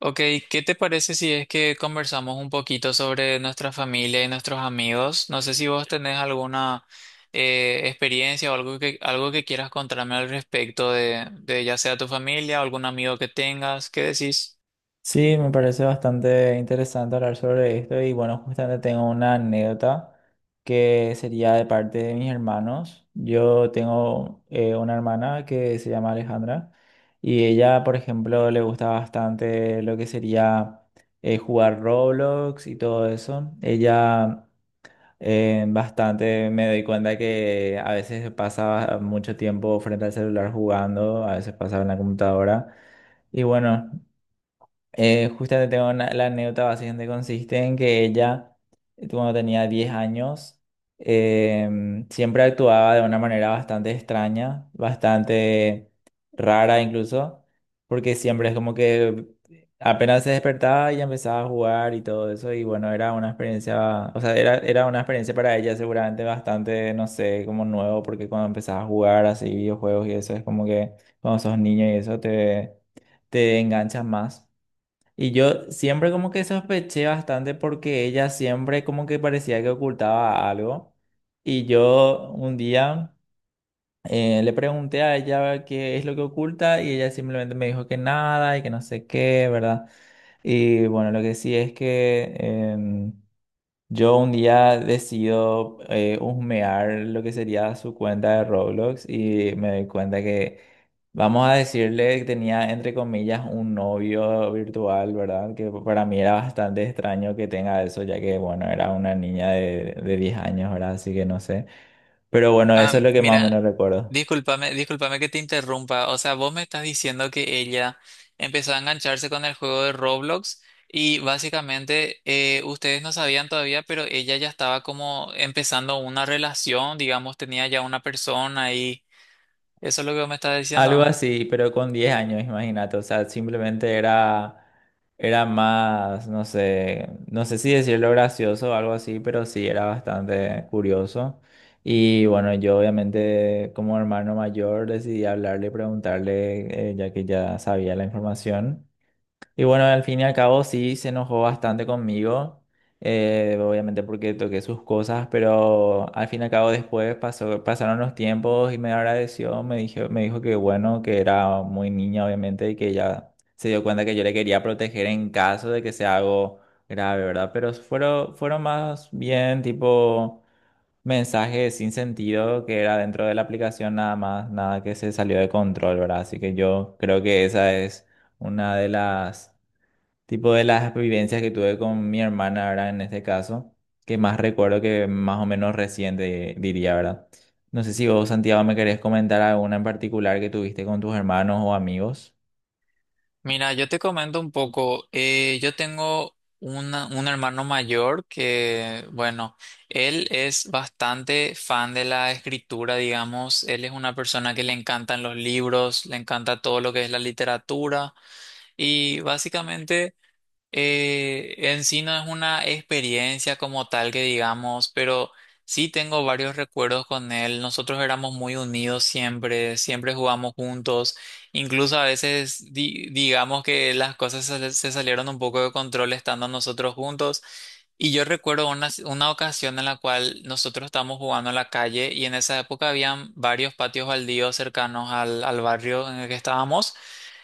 Ok, ¿qué te parece si es que conversamos un poquito sobre nuestra familia y nuestros amigos? No sé si vos tenés alguna experiencia o algo algo que quieras contarme al respecto de ya sea tu familia o algún amigo que tengas. ¿Qué decís? Sí, me parece bastante interesante hablar sobre esto y bueno, justamente tengo una anécdota que sería de parte de mis hermanos. Yo tengo una hermana que se llama Alejandra y ella, por ejemplo, le gusta bastante lo que sería jugar Roblox y todo eso. Ella Bastante me doy cuenta que a veces pasa mucho tiempo frente al celular jugando, a veces pasa en la computadora. Y bueno, justamente la anécdota básicamente consiste en que ella, cuando tenía 10 años, siempre actuaba de una manera bastante extraña, bastante rara incluso, porque siempre es como que apenas se despertaba y empezaba a jugar y todo eso, y bueno, era una experiencia, o sea, era una experiencia para ella seguramente bastante, no sé, como nuevo, porque cuando empezaba a jugar así videojuegos y eso, es como que cuando sos niño y eso te enganchas más. Y yo siempre como que sospeché bastante porque ella siempre como que parecía que ocultaba algo. Y yo un día le pregunté a ella qué es lo que oculta y ella simplemente me dijo que nada y que no sé qué, ¿verdad? Y bueno, lo que sí es que yo un día decido husmear lo que sería su cuenta de Roblox y me doy cuenta que, vamos a decirle que tenía entre comillas un novio virtual, ¿verdad? Que para mí era bastante extraño que tenga eso, ya que, bueno, era una niña de 10 años, ¿verdad? Así que no sé. Pero bueno, Ah, eso es lo que más o mira, menos recuerdo. Discúlpame que te interrumpa. O sea, vos me estás diciendo que ella empezó a engancharse con el juego de Roblox y básicamente ustedes no sabían todavía, pero ella ya estaba como empezando una relación, digamos, tenía ya una persona y eso es lo que vos me estás Algo diciendo. así, pero con 10 años, imagínate. O sea, simplemente era, era más, no sé, no sé si decirlo gracioso o algo así, pero sí era bastante curioso. Y bueno, yo obviamente como hermano mayor decidí hablarle, y preguntarle, ya que ya sabía la información. Y bueno, al fin y al cabo sí se enojó bastante conmigo, obviamente porque toqué sus cosas, pero al fin y al cabo después pasaron los tiempos y me agradeció, me dijo que bueno, que era muy niña obviamente y que ella se dio cuenta que yo le quería proteger en caso de que sea algo grave, ¿verdad? Pero fueron más bien tipo mensajes sin sentido que era dentro de la aplicación nada más, nada que se salió de control, ¿verdad? Así que yo creo que esa es una de las tipo de las vivencias que tuve con mi hermana, ¿verdad? En este caso, que más recuerdo que más o menos reciente diría, ¿verdad? No sé si vos, Santiago, me querés comentar alguna en particular que tuviste con tus hermanos o amigos. Mira, yo te comento un poco. Yo tengo un hermano mayor que, bueno, él es bastante fan de la escritura, digamos. Él es una persona que le encantan los libros, le encanta todo lo que es la literatura y básicamente... En sí no es una experiencia como tal que digamos, pero sí tengo varios recuerdos con él. Nosotros éramos muy unidos siempre, siempre jugamos juntos. Incluso a veces digamos que las cosas se salieron un poco de control estando nosotros juntos. Y yo recuerdo una ocasión en la cual nosotros estábamos jugando en la calle y en esa época habían varios patios baldíos cercanos al barrio en el que estábamos.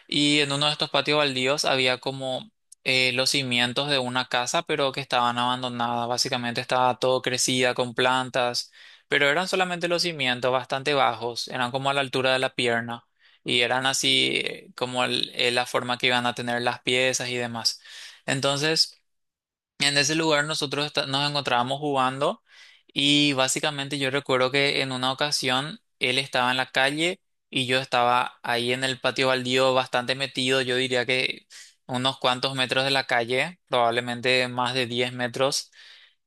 Y en uno de estos patios baldíos había como los cimientos de una casa, pero que estaban abandonadas. Básicamente estaba todo crecida con plantas, pero eran solamente los cimientos bastante bajos, eran como a la altura de la pierna y eran así como la forma que iban a tener las piezas y demás. Entonces... en ese lugar nosotros nos encontrábamos jugando y básicamente yo recuerdo que en una ocasión él estaba en la calle y yo estaba ahí en el patio baldío bastante metido, yo diría que unos cuantos metros de la calle, probablemente más de 10 metros.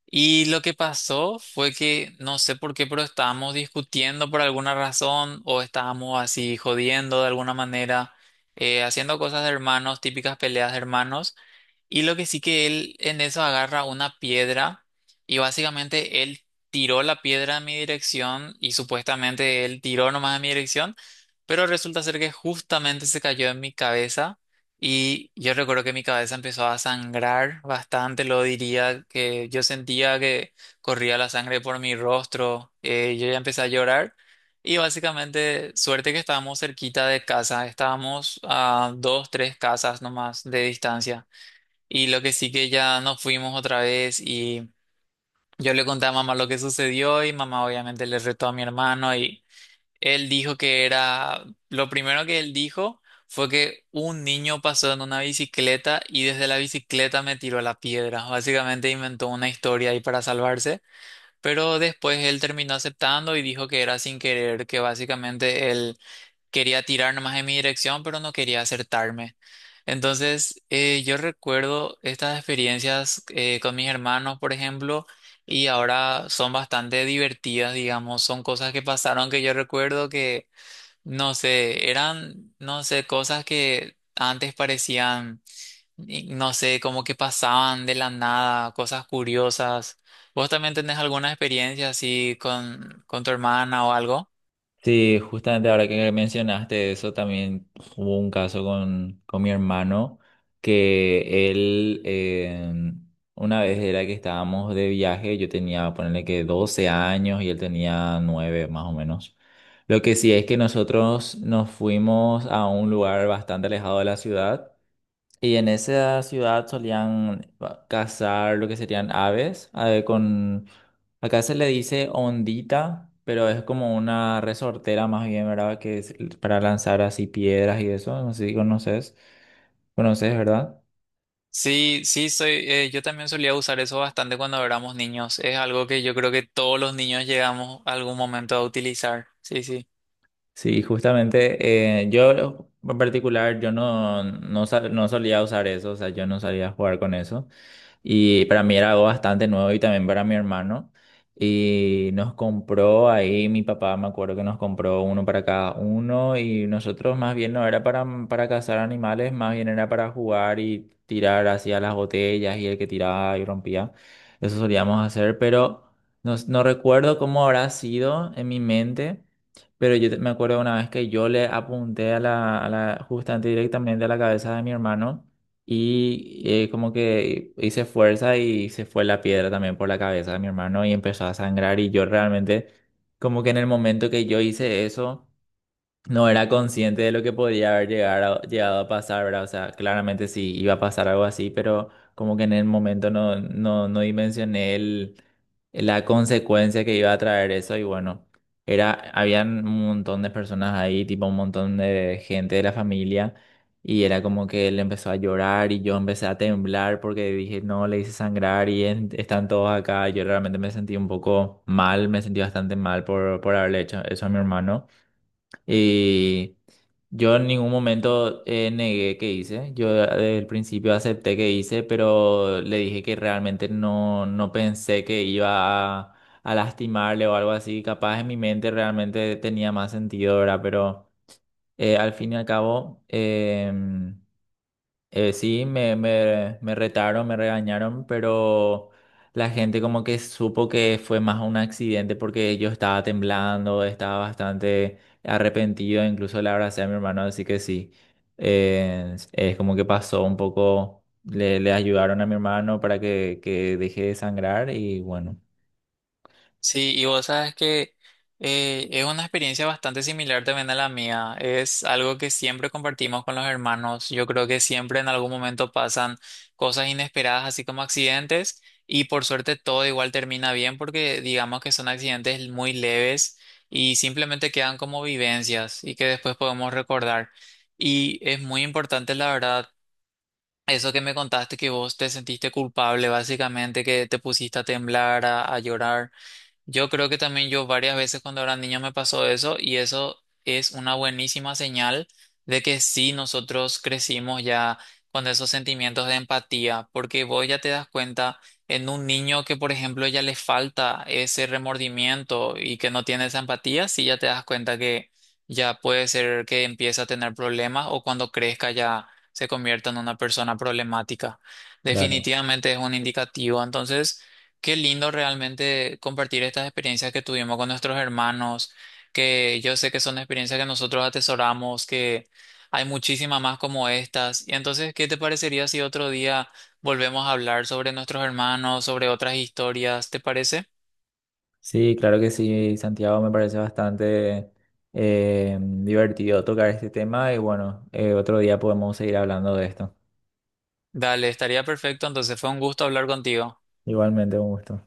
Y lo que pasó fue que no sé por qué, pero estábamos discutiendo por alguna razón o estábamos así jodiendo de alguna manera, haciendo cosas de hermanos, típicas peleas de hermanos. Y lo que sí que él en eso agarra una piedra y básicamente él tiró la piedra en mi dirección y supuestamente él tiró nomás en mi dirección, pero resulta ser que justamente se cayó en mi cabeza y yo recuerdo que mi cabeza empezó a sangrar bastante, lo diría que yo sentía que corría la sangre por mi rostro, yo ya empecé a llorar. Y básicamente, suerte que estábamos cerquita de casa, estábamos a dos, tres casas nomás de distancia. Y lo que sí que ya nos fuimos otra vez y yo le conté a mamá lo que sucedió y mamá obviamente le retó a mi hermano y él dijo que era, lo primero que él dijo fue que un niño pasó en una bicicleta y desde la bicicleta me tiró la piedra. Básicamente inventó una historia ahí para salvarse, pero después él terminó aceptando y dijo que era sin querer, que básicamente él quería tirar nomás en mi dirección, pero no quería acertarme. Entonces, yo recuerdo estas experiencias con mis hermanos, por ejemplo, y ahora son bastante divertidas, digamos, son cosas que pasaron que yo recuerdo no sé, no sé, cosas que antes parecían, y no sé, como que pasaban de la nada, cosas curiosas. ¿Vos también tenés alguna experiencia así con tu hermana o algo? Sí, justamente ahora que mencionaste eso, también hubo un caso con mi hermano que él, una vez era que estábamos de viaje, yo tenía, ponerle que 12 años y él tenía 9 más o menos. Lo que sí es que nosotros nos fuimos a un lugar bastante alejado de la ciudad y en esa ciudad solían cazar lo que serían aves, a con... Acá se le dice ondita, pero es como una resortera más bien, ¿verdad? Que es para lanzar así piedras y eso, no sé si conoces, conoces, ¿verdad? Sí, sí, soy, yo también solía usar eso bastante cuando éramos niños. Es algo que yo creo que todos los niños llegamos a algún momento a utilizar. Sí, sí. Sí, justamente, yo en particular, yo no, no, sa- no solía usar eso, o sea, yo no solía jugar con eso. Y para mí era algo bastante nuevo y también para mi hermano. Y nos compró ahí, mi papá me acuerdo que nos compró uno para cada uno y nosotros más bien no era para, para cazar animales, más bien era para jugar y tirar hacia las botellas y el que tiraba y rompía. Eso solíamos hacer, pero no recuerdo cómo habrá sido en mi mente. Pero me acuerdo una vez que yo le apunté a la justamente directamente a la cabeza de mi hermano y como que hice fuerza y se fue la piedra también por la cabeza de mi hermano y empezó a sangrar y yo realmente como que en el momento que yo hice eso no era consciente de lo que podría haber llegar a- llegado a pasar, ¿verdad? O sea, claramente sí iba a pasar algo así, pero como que en el momento no dimensioné la consecuencia que iba a traer eso y bueno, era, habían un montón de personas ahí, tipo un montón de gente de la familia y era como que él empezó a llorar y yo empecé a temblar porque dije, no, le hice sangrar y están todos acá. Yo realmente me sentí un poco mal, me sentí bastante mal por haberle hecho eso a mi hermano. Y yo en ningún momento negué que hice. Yo desde el principio acepté que hice, pero le dije que realmente no pensé que iba a lastimarle o algo así. Capaz en mi mente realmente tenía más sentido, ¿verdad? Pero al fin y al cabo. Sí, me retaron, me regañaron, pero la gente como que supo que fue más un accidente porque yo estaba temblando, estaba bastante arrepentido, incluso le abracé a mi hermano, así que sí, es como que pasó un poco, le ayudaron a mi hermano para que deje de sangrar y bueno, Sí, y vos sabes que es una experiencia bastante similar también a la mía. Es algo que siempre compartimos con los hermanos. Yo creo que siempre en algún momento pasan cosas inesperadas, así como accidentes, y por suerte todo igual termina bien porque digamos que son accidentes muy leves y simplemente quedan como vivencias y que después podemos recordar. Y es muy importante, la verdad. Eso que me contaste, que vos te sentiste culpable, básicamente, que te pusiste a temblar, a llorar. Yo creo que también yo varias veces cuando era niño me pasó eso y eso es una buenísima señal de que sí nosotros crecimos ya con esos sentimientos de empatía, porque vos ya te das cuenta en un niño que por ejemplo ya le falta ese remordimiento y que no tiene esa empatía, sí ya te das cuenta que ya puede ser que empiece a tener problemas o cuando crezca ya se convierta en una persona problemática. claro. Definitivamente es un indicativo, entonces... qué lindo realmente compartir estas experiencias que tuvimos con nuestros hermanos, que yo sé que son experiencias que nosotros atesoramos, que hay muchísimas más como estas. Y entonces, ¿qué te parecería si otro día volvemos a hablar sobre nuestros hermanos, sobre otras historias? ¿Te parece? Sí, claro que sí, Santiago, me parece bastante divertido tocar este tema y bueno, otro día podemos seguir hablando de esto. Dale, estaría perfecto. Entonces, fue un gusto hablar contigo. Igualmente, un gusto.